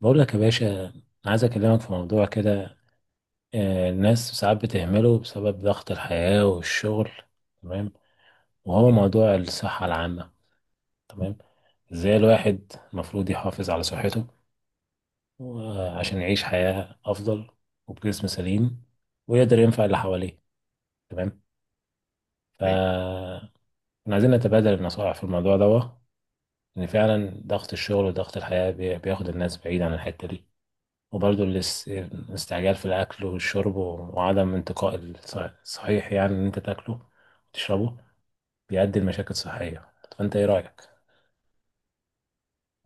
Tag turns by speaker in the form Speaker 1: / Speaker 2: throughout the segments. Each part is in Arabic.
Speaker 1: بقول لك يا باشا، عايز اكلمك في موضوع كده. آه، الناس ساعات بتهمله بسبب ضغط الحياة والشغل، تمام وهو موضوع الصحة العامة. تمام ازاي الواحد المفروض يحافظ على صحته، آه، عشان يعيش حياة افضل وبجسم سليم ويقدر ينفع اللي حواليه. تمام
Speaker 2: أيوة.
Speaker 1: إحنا عايزين نتبادل النصائح في الموضوع ده، لان فعلا ضغط الشغل وضغط الحياة بياخد الناس بعيد عن الحتة دي. وبرضه الاستعجال في الأكل والشرب وعدم انتقاء الصحيح، يعني إن أنت تاكله وتشربه، بيؤدي لمشاكل صحية. فأنت إيه رأيك؟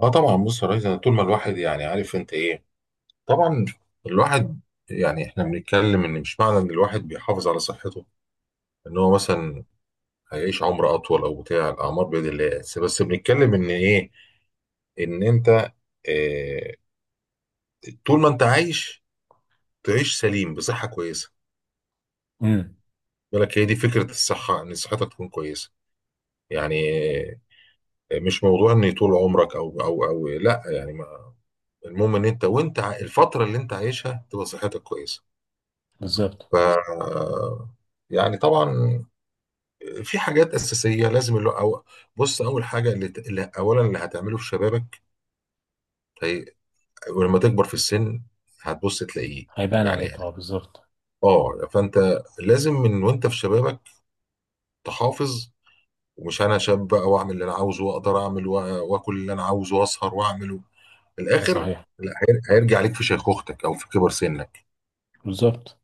Speaker 2: اه، طبعا، بص يا ريس. أنا طول ما الواحد يعني عارف انت ايه. طبعا الواحد يعني احنا بنتكلم ان مش معنى ان الواحد بيحافظ على صحته ان هو مثلا هيعيش عمر اطول، او بتاع، الاعمار بيد الله. بس بنتكلم ان ايه، ان انت، اه طول ما انت عايش تعيش سليم بصحه كويسه.
Speaker 1: امم
Speaker 2: بالك، هي دي فكره الصحه، ان صحتك تكون كويسه. يعني مش موضوع ان طول عمرك، او لا، يعني ما المهم ان انت، وانت الفتره اللي انت عايشها تبقى صحتك كويسه.
Speaker 1: بالظبط.
Speaker 2: ف يعني طبعا في حاجات اساسيه لازم اللي أو بص، اول حاجه اللي اولا هتعمله في شبابك، هي ولما تكبر في السن هتبص تلاقيه.
Speaker 1: هيبان
Speaker 2: يعني
Speaker 1: عليك، اه، بالظبط.
Speaker 2: اه فانت لازم من وانت في شبابك تحافظ. ومش انا شاب بقى واعمل اللي انا عاوزه واقدر اعمل واكل اللي انا عاوزه واسهر واعمله. في
Speaker 1: ده
Speaker 2: الاخر
Speaker 1: صحيح.
Speaker 2: لا، هيرجع عليك في شيخوختك او في كبر سنك.
Speaker 1: بالظبط.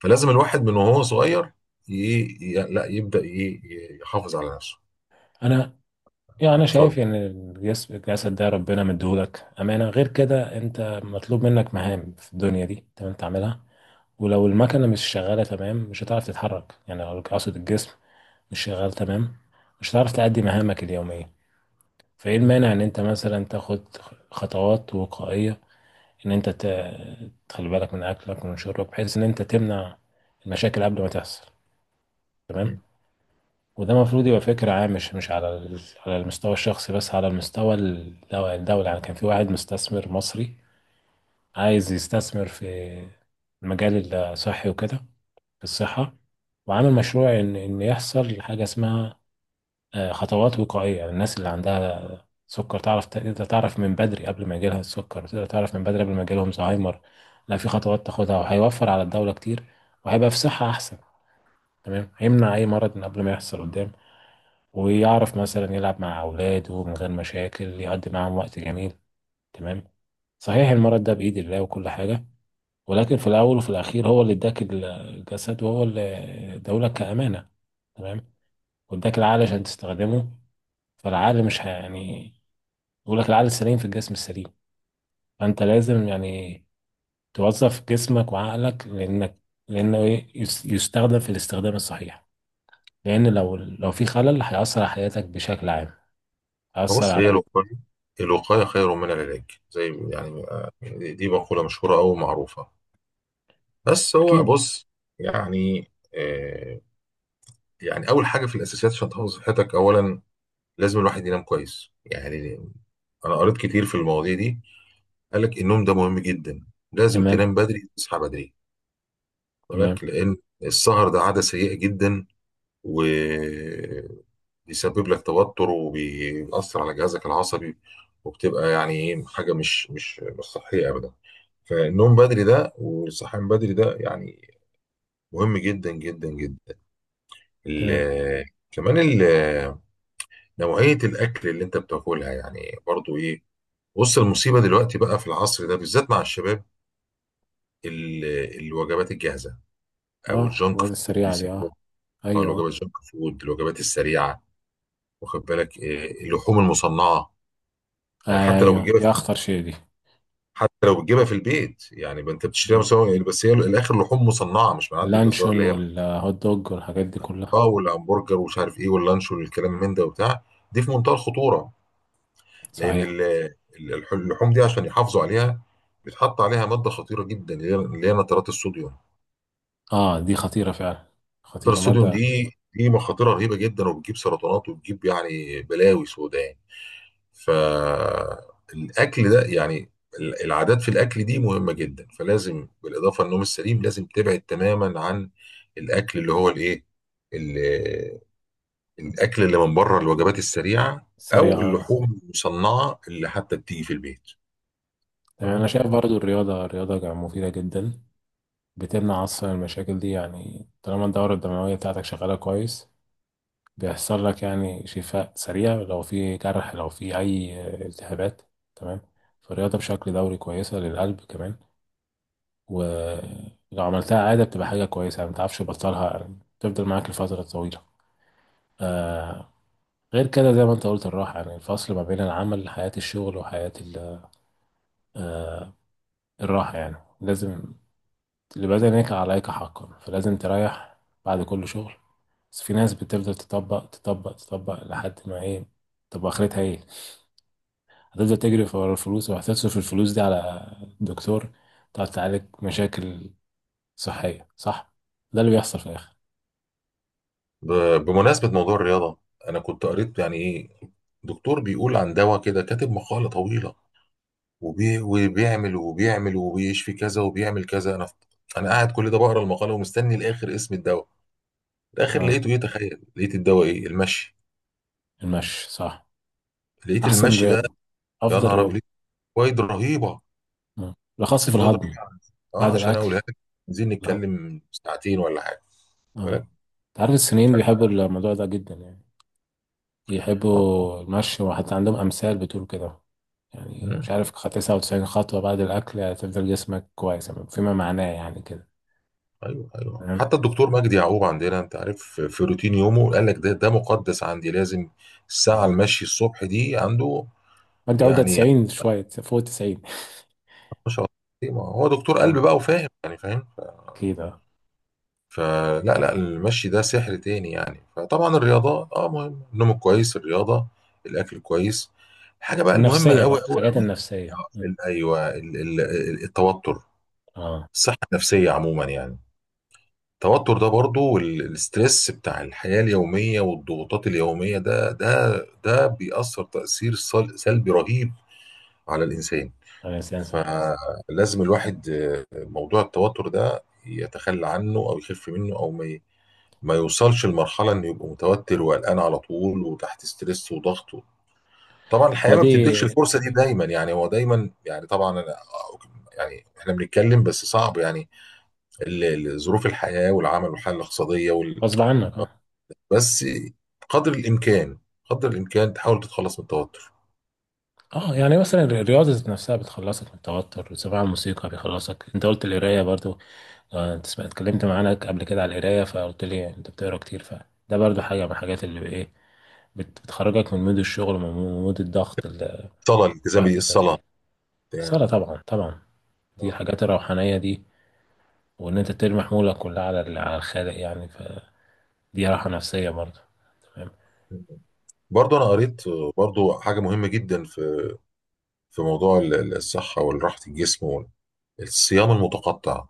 Speaker 2: فلازم الواحد من وهو صغير ي... لا يبدا يحافظ على نفسه.
Speaker 1: أنا يعني أنا
Speaker 2: اتفضل.
Speaker 1: شايف إن الجسد ده ربنا مديهولك أمانة، غير كده أنت مطلوب منك مهام في الدنيا دي تمام تعملها. ولو المكنة مش شغالة تمام، مش هتعرف تتحرك، يعني لو أقصد الجسم مش شغال تمام، مش هتعرف تأدي مهامك اليومية. فايه المانع ان انت مثلا تاخد خطوات وقائية، ان انت تخلي بالك من اكلك ومن شربك بحيث ان انت تمنع المشاكل قبل ما تحصل.
Speaker 2: مم.
Speaker 1: تمام وده المفروض يبقى فكرة عامة، مش مش على على المستوى الشخصي بس، على المستوى الدولي. يعني كان في واحد مستثمر مصري عايز يستثمر في المجال الصحي وكده، في الصحة، وعامل مشروع ان يحصل حاجة اسمها آه، خطوات وقائية. يعني الناس اللي عندها سكر تعرف، تقدر تعرف من بدري قبل ما يجيلها السكر، تقدر تعرف من بدري قبل ما يجيلهم زهايمر. لا، في خطوات تاخدها، وهيوفر على الدولة كتير وهيبقى في صحة أحسن. تمام هيمنع أي مرض من قبل ما يحصل قدام، ويعرف مثلا يلعب مع أولاده من غير مشاكل، يقضي معاهم وقت جميل. تمام صحيح، المرض ده بإيد الله وكل حاجة، ولكن في الأول وفي الأخير هو اللي اداك الجسد، وهو اللي اداهولك كأمانة، تمام واداك العقل عشان تستخدمه. فالعقل مش ه- يعني بيقول لك العقل السليم في الجسم السليم. فانت لازم يعني توظف جسمك وعقلك، لانك لانه إيه؟ يستخدم في الاستخدام الصحيح. لان لو لو في خلل، هيأثر على حياتك بشكل عام، هيأثر
Speaker 2: فبص،
Speaker 1: على
Speaker 2: هي
Speaker 1: أبوك.
Speaker 2: الوقاية. الوقاية خير من العلاج، زي يعني دي مقولة مشهورة أو معروفة. بس هو
Speaker 1: اكيد.
Speaker 2: بص، يعني أول حاجة في الأساسيات عشان تحافظ على صحتك، أولا لازم الواحد ينام كويس. يعني أنا قريت كتير في المواضيع دي، قال لك النوم ده مهم جدا. لازم
Speaker 1: تمام،
Speaker 2: تنام بدري تصحى بدري.
Speaker 1: تمام،
Speaker 2: ولكن لأن السهر ده عادة سيئة جدا، و بيسبب لك توتر وبيأثر على جهازك العصبي. وبتبقى يعني ايه، حاجه مش صحيه ابدا. فالنوم بدري ده والصحيان بدري ده يعني مهم جدا جدا جدا.
Speaker 1: تمام.
Speaker 2: ال- كمان نوعيه الاكل اللي انت بتاكلها، يعني برضو ايه. بص المصيبه دلوقتي بقى في العصر ده بالذات مع الشباب، ال- الوجبات الجاهزه، او
Speaker 1: اه،
Speaker 2: الجانك
Speaker 1: الواد
Speaker 2: فود
Speaker 1: السريعة دي، اه.
Speaker 2: بيسموها، أو
Speaker 1: ايوه.
Speaker 2: الوجبات الجانك فود، الوجبات السريعه. واخد بالك إيه، اللحوم المصنعه. يعني
Speaker 1: آه.
Speaker 2: حتى لو
Speaker 1: ايوه
Speaker 2: بتجيبها،
Speaker 1: دي اخطر شيء دي.
Speaker 2: حتى لو بتجيبها في البيت، يعني انت بتشتريها
Speaker 1: مم.
Speaker 2: مسوي يعني، بس هي الاخر لحوم مصنعه مش من عند الجزار
Speaker 1: اللانشون
Speaker 2: اللي هي.
Speaker 1: والهوت دوج والحاجات دي كلها.
Speaker 2: اه، والهمبرجر ومش عارف ايه، واللانش والكلام من ده وبتاع، دي في منتهى الخطوره. لان
Speaker 1: صحيح.
Speaker 2: اللحوم دي عشان يحافظوا عليها بيتحط عليها ماده خطيره جدا، اللي هي نترات الصوديوم.
Speaker 1: اه، دي خطيرة فعلا.
Speaker 2: نترات
Speaker 1: خطيرة
Speaker 2: الصوديوم
Speaker 1: مادة.
Speaker 2: دي مخاطرها رهيبه جدا، وبتجيب سرطانات وبتجيب يعني بلاوي سوداء. فالاكل ده يعني العادات في الاكل دي مهمه جدا. فلازم بالاضافه للنوم السليم لازم تبعد تماما عن الاكل اللي هو الايه، ال- الاكل اللي من بره، الوجبات السريعه او
Speaker 1: سريعة. آه.
Speaker 2: اللحوم المصنعه اللي حتى بتيجي في البيت.
Speaker 1: تمام،
Speaker 2: تمام؟
Speaker 1: انا شايف برضو الرياضة، الرياضة مفيدة جدا. بتمنع أصلا المشاكل دي، يعني طالما الدورة الدموية بتاعتك شغالة كويس، بيحصل لك يعني شفاء سريع لو في جرح، لو في أي التهابات. تمام فالرياضة بشكل دوري كويسة للقلب كمان، ولو عملتها عادة بتبقى حاجة كويسة، يعني متعرفش تبطلها، يعني تفضل معاك لفترة طويلة. آه غير كده زي ما انت قلت، الراحة، يعني الفصل ما بين العمل، حياة الشغل وحياة الراحة. يعني لازم، لبدنك عليك حقا، فلازم تريح بعد كل شغل. بس في ناس بتفضل تطبق تطبق تطبق لحد ما ايه، طب اخرتها ايه؟ هتفضل تجري ورا الفلوس، وهتصرف الفلوس دي على دكتور، تقعد تعالج مشاكل صحية، صح؟ ده اللي بيحصل في الاخر.
Speaker 2: بمناسبه موضوع الرياضه، انا كنت قريت يعني ايه، دكتور بيقول عن دواء كده، كاتب مقاله طويله وبيعمل وبيشفي كذا وبيعمل كذا. انا قاعد كل ده بقرا المقاله ومستني لاخر اسم الدواء، في الاخر لقيته
Speaker 1: اه،
Speaker 2: ايه، تخيل، لقيت الدواء ايه، المشي.
Speaker 1: المشي صح،
Speaker 2: لقيت
Speaker 1: احسن
Speaker 2: المشي ده،
Speaker 1: رياضة،
Speaker 2: يا
Speaker 1: افضل
Speaker 2: نهار ابيض،
Speaker 1: رياضة.
Speaker 2: لقيت فوائد رهيبه.
Speaker 1: آه.
Speaker 2: يعني
Speaker 1: بالاخص في
Speaker 2: فوائد
Speaker 1: الهضم،
Speaker 2: رهيبه، اه،
Speaker 1: بعد
Speaker 2: عشان
Speaker 1: الاكل.
Speaker 2: اقولها لك عايزين
Speaker 1: الهضم،
Speaker 2: نتكلم ساعتين ولا حاجه. واخد
Speaker 1: اه.
Speaker 2: بالك؟
Speaker 1: انت عارف
Speaker 2: ف-
Speaker 1: الصينيين بيحبوا الموضوع ده جدا، يعني
Speaker 2: آه. آه.
Speaker 1: يحبوا المشي، وحتى عندهم أمثال بتقول كده، يعني
Speaker 2: مم.
Speaker 1: مش عارف 99 خطوة بعد الأكل هتفضل جسمك كويس فيما معناه يعني كده.
Speaker 2: ايوه ايوه،
Speaker 1: تمام.
Speaker 2: حتى الدكتور مجدي يعقوب عندنا، انت عارف، في روتين يومه قال لك ده مقدس عندي، لازم الساعه
Speaker 1: اه،
Speaker 2: المشي الصبح دي عنده.
Speaker 1: أنت عودة
Speaker 2: يعني
Speaker 1: 90، شوية فوق 90.
Speaker 2: ما شاء الله، ما هو دكتور قلب
Speaker 1: مم.
Speaker 2: بقى وفاهم يعني فاهم.
Speaker 1: أكيد اه.
Speaker 2: فلا لا المشي ده سحر تاني يعني. فطبعا الرياضة اه، مهم النوم الكويس، الرياضة، الأكل الكويس. حاجة بقى المهمة
Speaker 1: والنفسية
Speaker 2: أوي
Speaker 1: بقى
Speaker 2: أوي
Speaker 1: الحاجات
Speaker 2: أوي،
Speaker 1: النفسية. مم.
Speaker 2: أيوه، التوتر،
Speaker 1: اه.
Speaker 2: الصحة النفسية عموما يعني. التوتر ده برضو، والستريس بتاع الحياة اليومية والضغوطات اليومية ده، بيأثر تأثير سلبي رهيب على الإنسان.
Speaker 1: الإنسان صح.
Speaker 2: فلازم الواحد موضوع التوتر ده يتخلى عنه أو يخف منه، أو ما يوصلش لمرحلة انه يبقى متوتر وقلقان على طول وتحت ستريس وضغط. طبعا الحياة ما بتديكش
Speaker 1: ودي
Speaker 2: الفرصة دي دايما، يعني هو دايما يعني طبعا أنا، يعني احنا بنتكلم بس صعب، يعني ظروف الحياة والعمل والحالة الاقتصادية
Speaker 1: غصب عنك، اه.
Speaker 2: بس، قدر الامكان قدر الامكان تحاول تتخلص من التوتر.
Speaker 1: اه، يعني مثلا الرياضة ذات نفسها بتخلصك من التوتر، سماع الموسيقى بيخلصك، انت قلت القراية برضو. آه، انت سمعت اتكلمت معانا قبل كده على القرايه، فقلت لي انت بتقرا كتير، فده برضو حاجه من الحاجات اللي ايه، بتخرجك من مود الشغل ومن مود الضغط اللي
Speaker 2: الصلاة، الالتزام
Speaker 1: الواحد بيبقى
Speaker 2: بالصلاة،
Speaker 1: فيه. الصلاه
Speaker 2: يعني
Speaker 1: طبعا طبعا، دي
Speaker 2: آه.
Speaker 1: الحاجات الروحانيه دي. وان انت ترمي حمولك كلها على على الخالق، يعني فدي راحه نفسيه برضو. تمام.
Speaker 2: برضه انا قريت، برضه حاجة مهمة جدا في موضوع الصحة والراحة الجسم، والصيام المتقطع،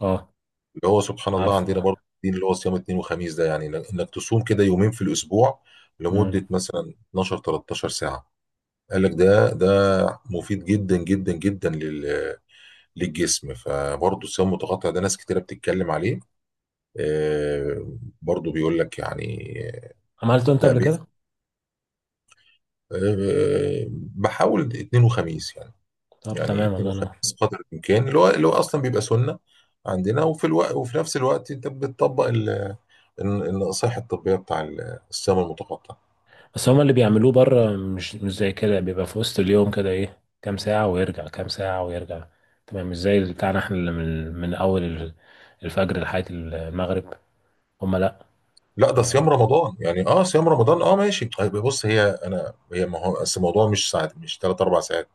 Speaker 1: اه.
Speaker 2: اللي هو سبحان الله عندنا
Speaker 1: عارفه.
Speaker 2: برضه الدين، اللي هو صيام اثنين وخميس ده، يعني إنك تصوم كده يومين في الأسبوع
Speaker 1: امم
Speaker 2: لمدة مثلا 12 13 ساعة. قال لك ده مفيد جدا جدا جدا للجسم. فبرضه الصيام المتقطع ده ناس كتيرة بتتكلم عليه. برضه بيقول لك يعني.
Speaker 1: عملته انت
Speaker 2: لا،
Speaker 1: قبل كده؟
Speaker 2: آه، بحاول اثنين وخميس يعني.
Speaker 1: طب
Speaker 2: يعني
Speaker 1: تمام،
Speaker 2: اثنين
Speaker 1: الله ينور.
Speaker 2: وخميس قدر الامكان، اللي هو اصلا بيبقى سنه عندنا، وفي الوقت، وفي نفس الوقت انت بتطبق النصائح الطبيه بتاع الصيام المتقطع.
Speaker 1: بس هما اللي بيعملوه بره مش مش زي كده، بيبقى في وسط اليوم كده ايه، كام ساعة ويرجع كام ساعة ويرجع. تمام، مش زي اللي بتاعنا احنا، اللي من من اول الفجر لحد المغرب. هما لا.
Speaker 2: لا، ده صيام رمضان يعني. اه صيام رمضان، اه ماشي طيب بص، هي انا هي ما هو اصل الموضوع مش ساعات، مش ثلاث اربع ساعات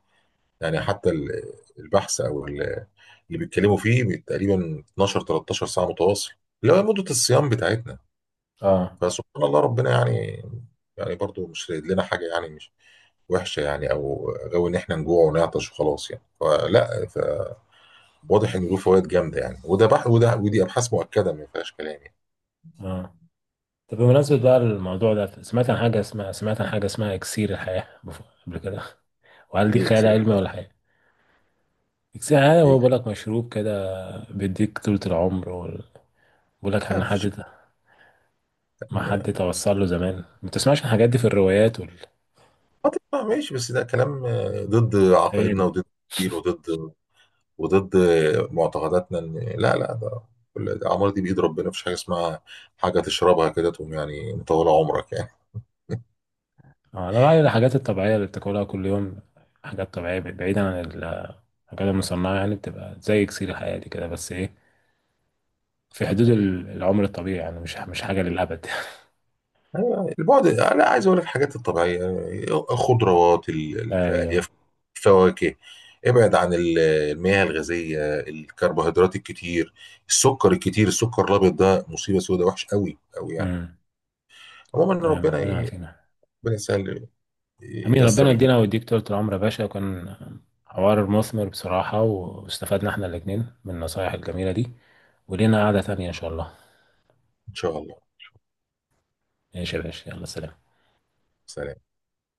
Speaker 2: يعني، حتى البحث او اللي بيتكلموا فيه تقريبا 12 13 ساعه متواصل، اللي هو مده الصيام بتاعتنا.
Speaker 1: اه،
Speaker 2: فسبحان الله ربنا يعني، يعني برضو مش رايد لنا حاجه، يعني مش وحشه يعني، او جو ان احنا نجوع ونعطش وخلاص يعني. فلا، واضح ان له فوائد جامده يعني. وده ودي ابحاث مؤكده ما فيهاش كلام يعني.
Speaker 1: اه. طب بمناسبة بقى الموضوع ده، سمعت عن حاجة اسمها، سمعت عن حاجة اسمها اكسير الحياة قبل كده، وهل دي
Speaker 2: ايه
Speaker 1: خيال
Speaker 2: اكسير
Speaker 1: علمي
Speaker 2: الحياه
Speaker 1: ولا
Speaker 2: ده؟
Speaker 1: حاجة؟ اكسير الحياة
Speaker 2: ايه
Speaker 1: هو بيقول
Speaker 2: اكسير
Speaker 1: لك مشروب كده بيديك طولة العمر بيقول لك
Speaker 2: لا،
Speaker 1: ان حد،
Speaker 2: مفيش
Speaker 1: ما
Speaker 2: كلام
Speaker 1: حد
Speaker 2: يعني.
Speaker 1: توصل له زمان، ما بتسمعش عن الحاجات دي في الروايات والخيال
Speaker 2: آه، طبعا ماشي، بس ده كلام ضد عقائدنا
Speaker 1: يعني؟
Speaker 2: وضد الدين وضد، معتقداتنا. لا لا، ده الأعمار دي بإيد ربنا. مفيش حاجة اسمها حاجة تشربها كده تقوم يعني مطولة عمرك يعني.
Speaker 1: آه، انا رايي الحاجات الطبيعيه اللي بتاكلها كل يوم، حاجات طبيعيه بعيدا عن الحاجات المصنعه، يعني بتبقى زي اكسير حياتي كده، بس ايه، في حدود العمر الطبيعي، يعني مش مش حاجه للابد.
Speaker 2: البعد، انا عايز اقول لك الحاجات الطبيعيه، الخضروات اللي فيها
Speaker 1: ايوه.
Speaker 2: الياف، فواكه. ابعد عن المياه الغازيه، الكربوهيدرات الكتير، السكر الكتير. السكر الابيض ده مصيبه سوداء، وحش قوي قوي يعني.
Speaker 1: امم.
Speaker 2: عموما
Speaker 1: تمام،
Speaker 2: ربنا
Speaker 1: ربنا يعافينا.
Speaker 2: ربنا يسهل
Speaker 1: امين،
Speaker 2: ييسر
Speaker 1: ربنا
Speaker 2: اللي
Speaker 1: يدينا
Speaker 2: فيه.
Speaker 1: ويديك طول العمر يا باشا. كان حوار مثمر بصراحه، واستفدنا احنا الاثنين من النصايح الجميله دي، ولينا قعده ثانيه ان شاء الله.
Speaker 2: ان شاء الله.
Speaker 1: ماشي يا باشا، يلا سلام.
Speaker 2: سلام.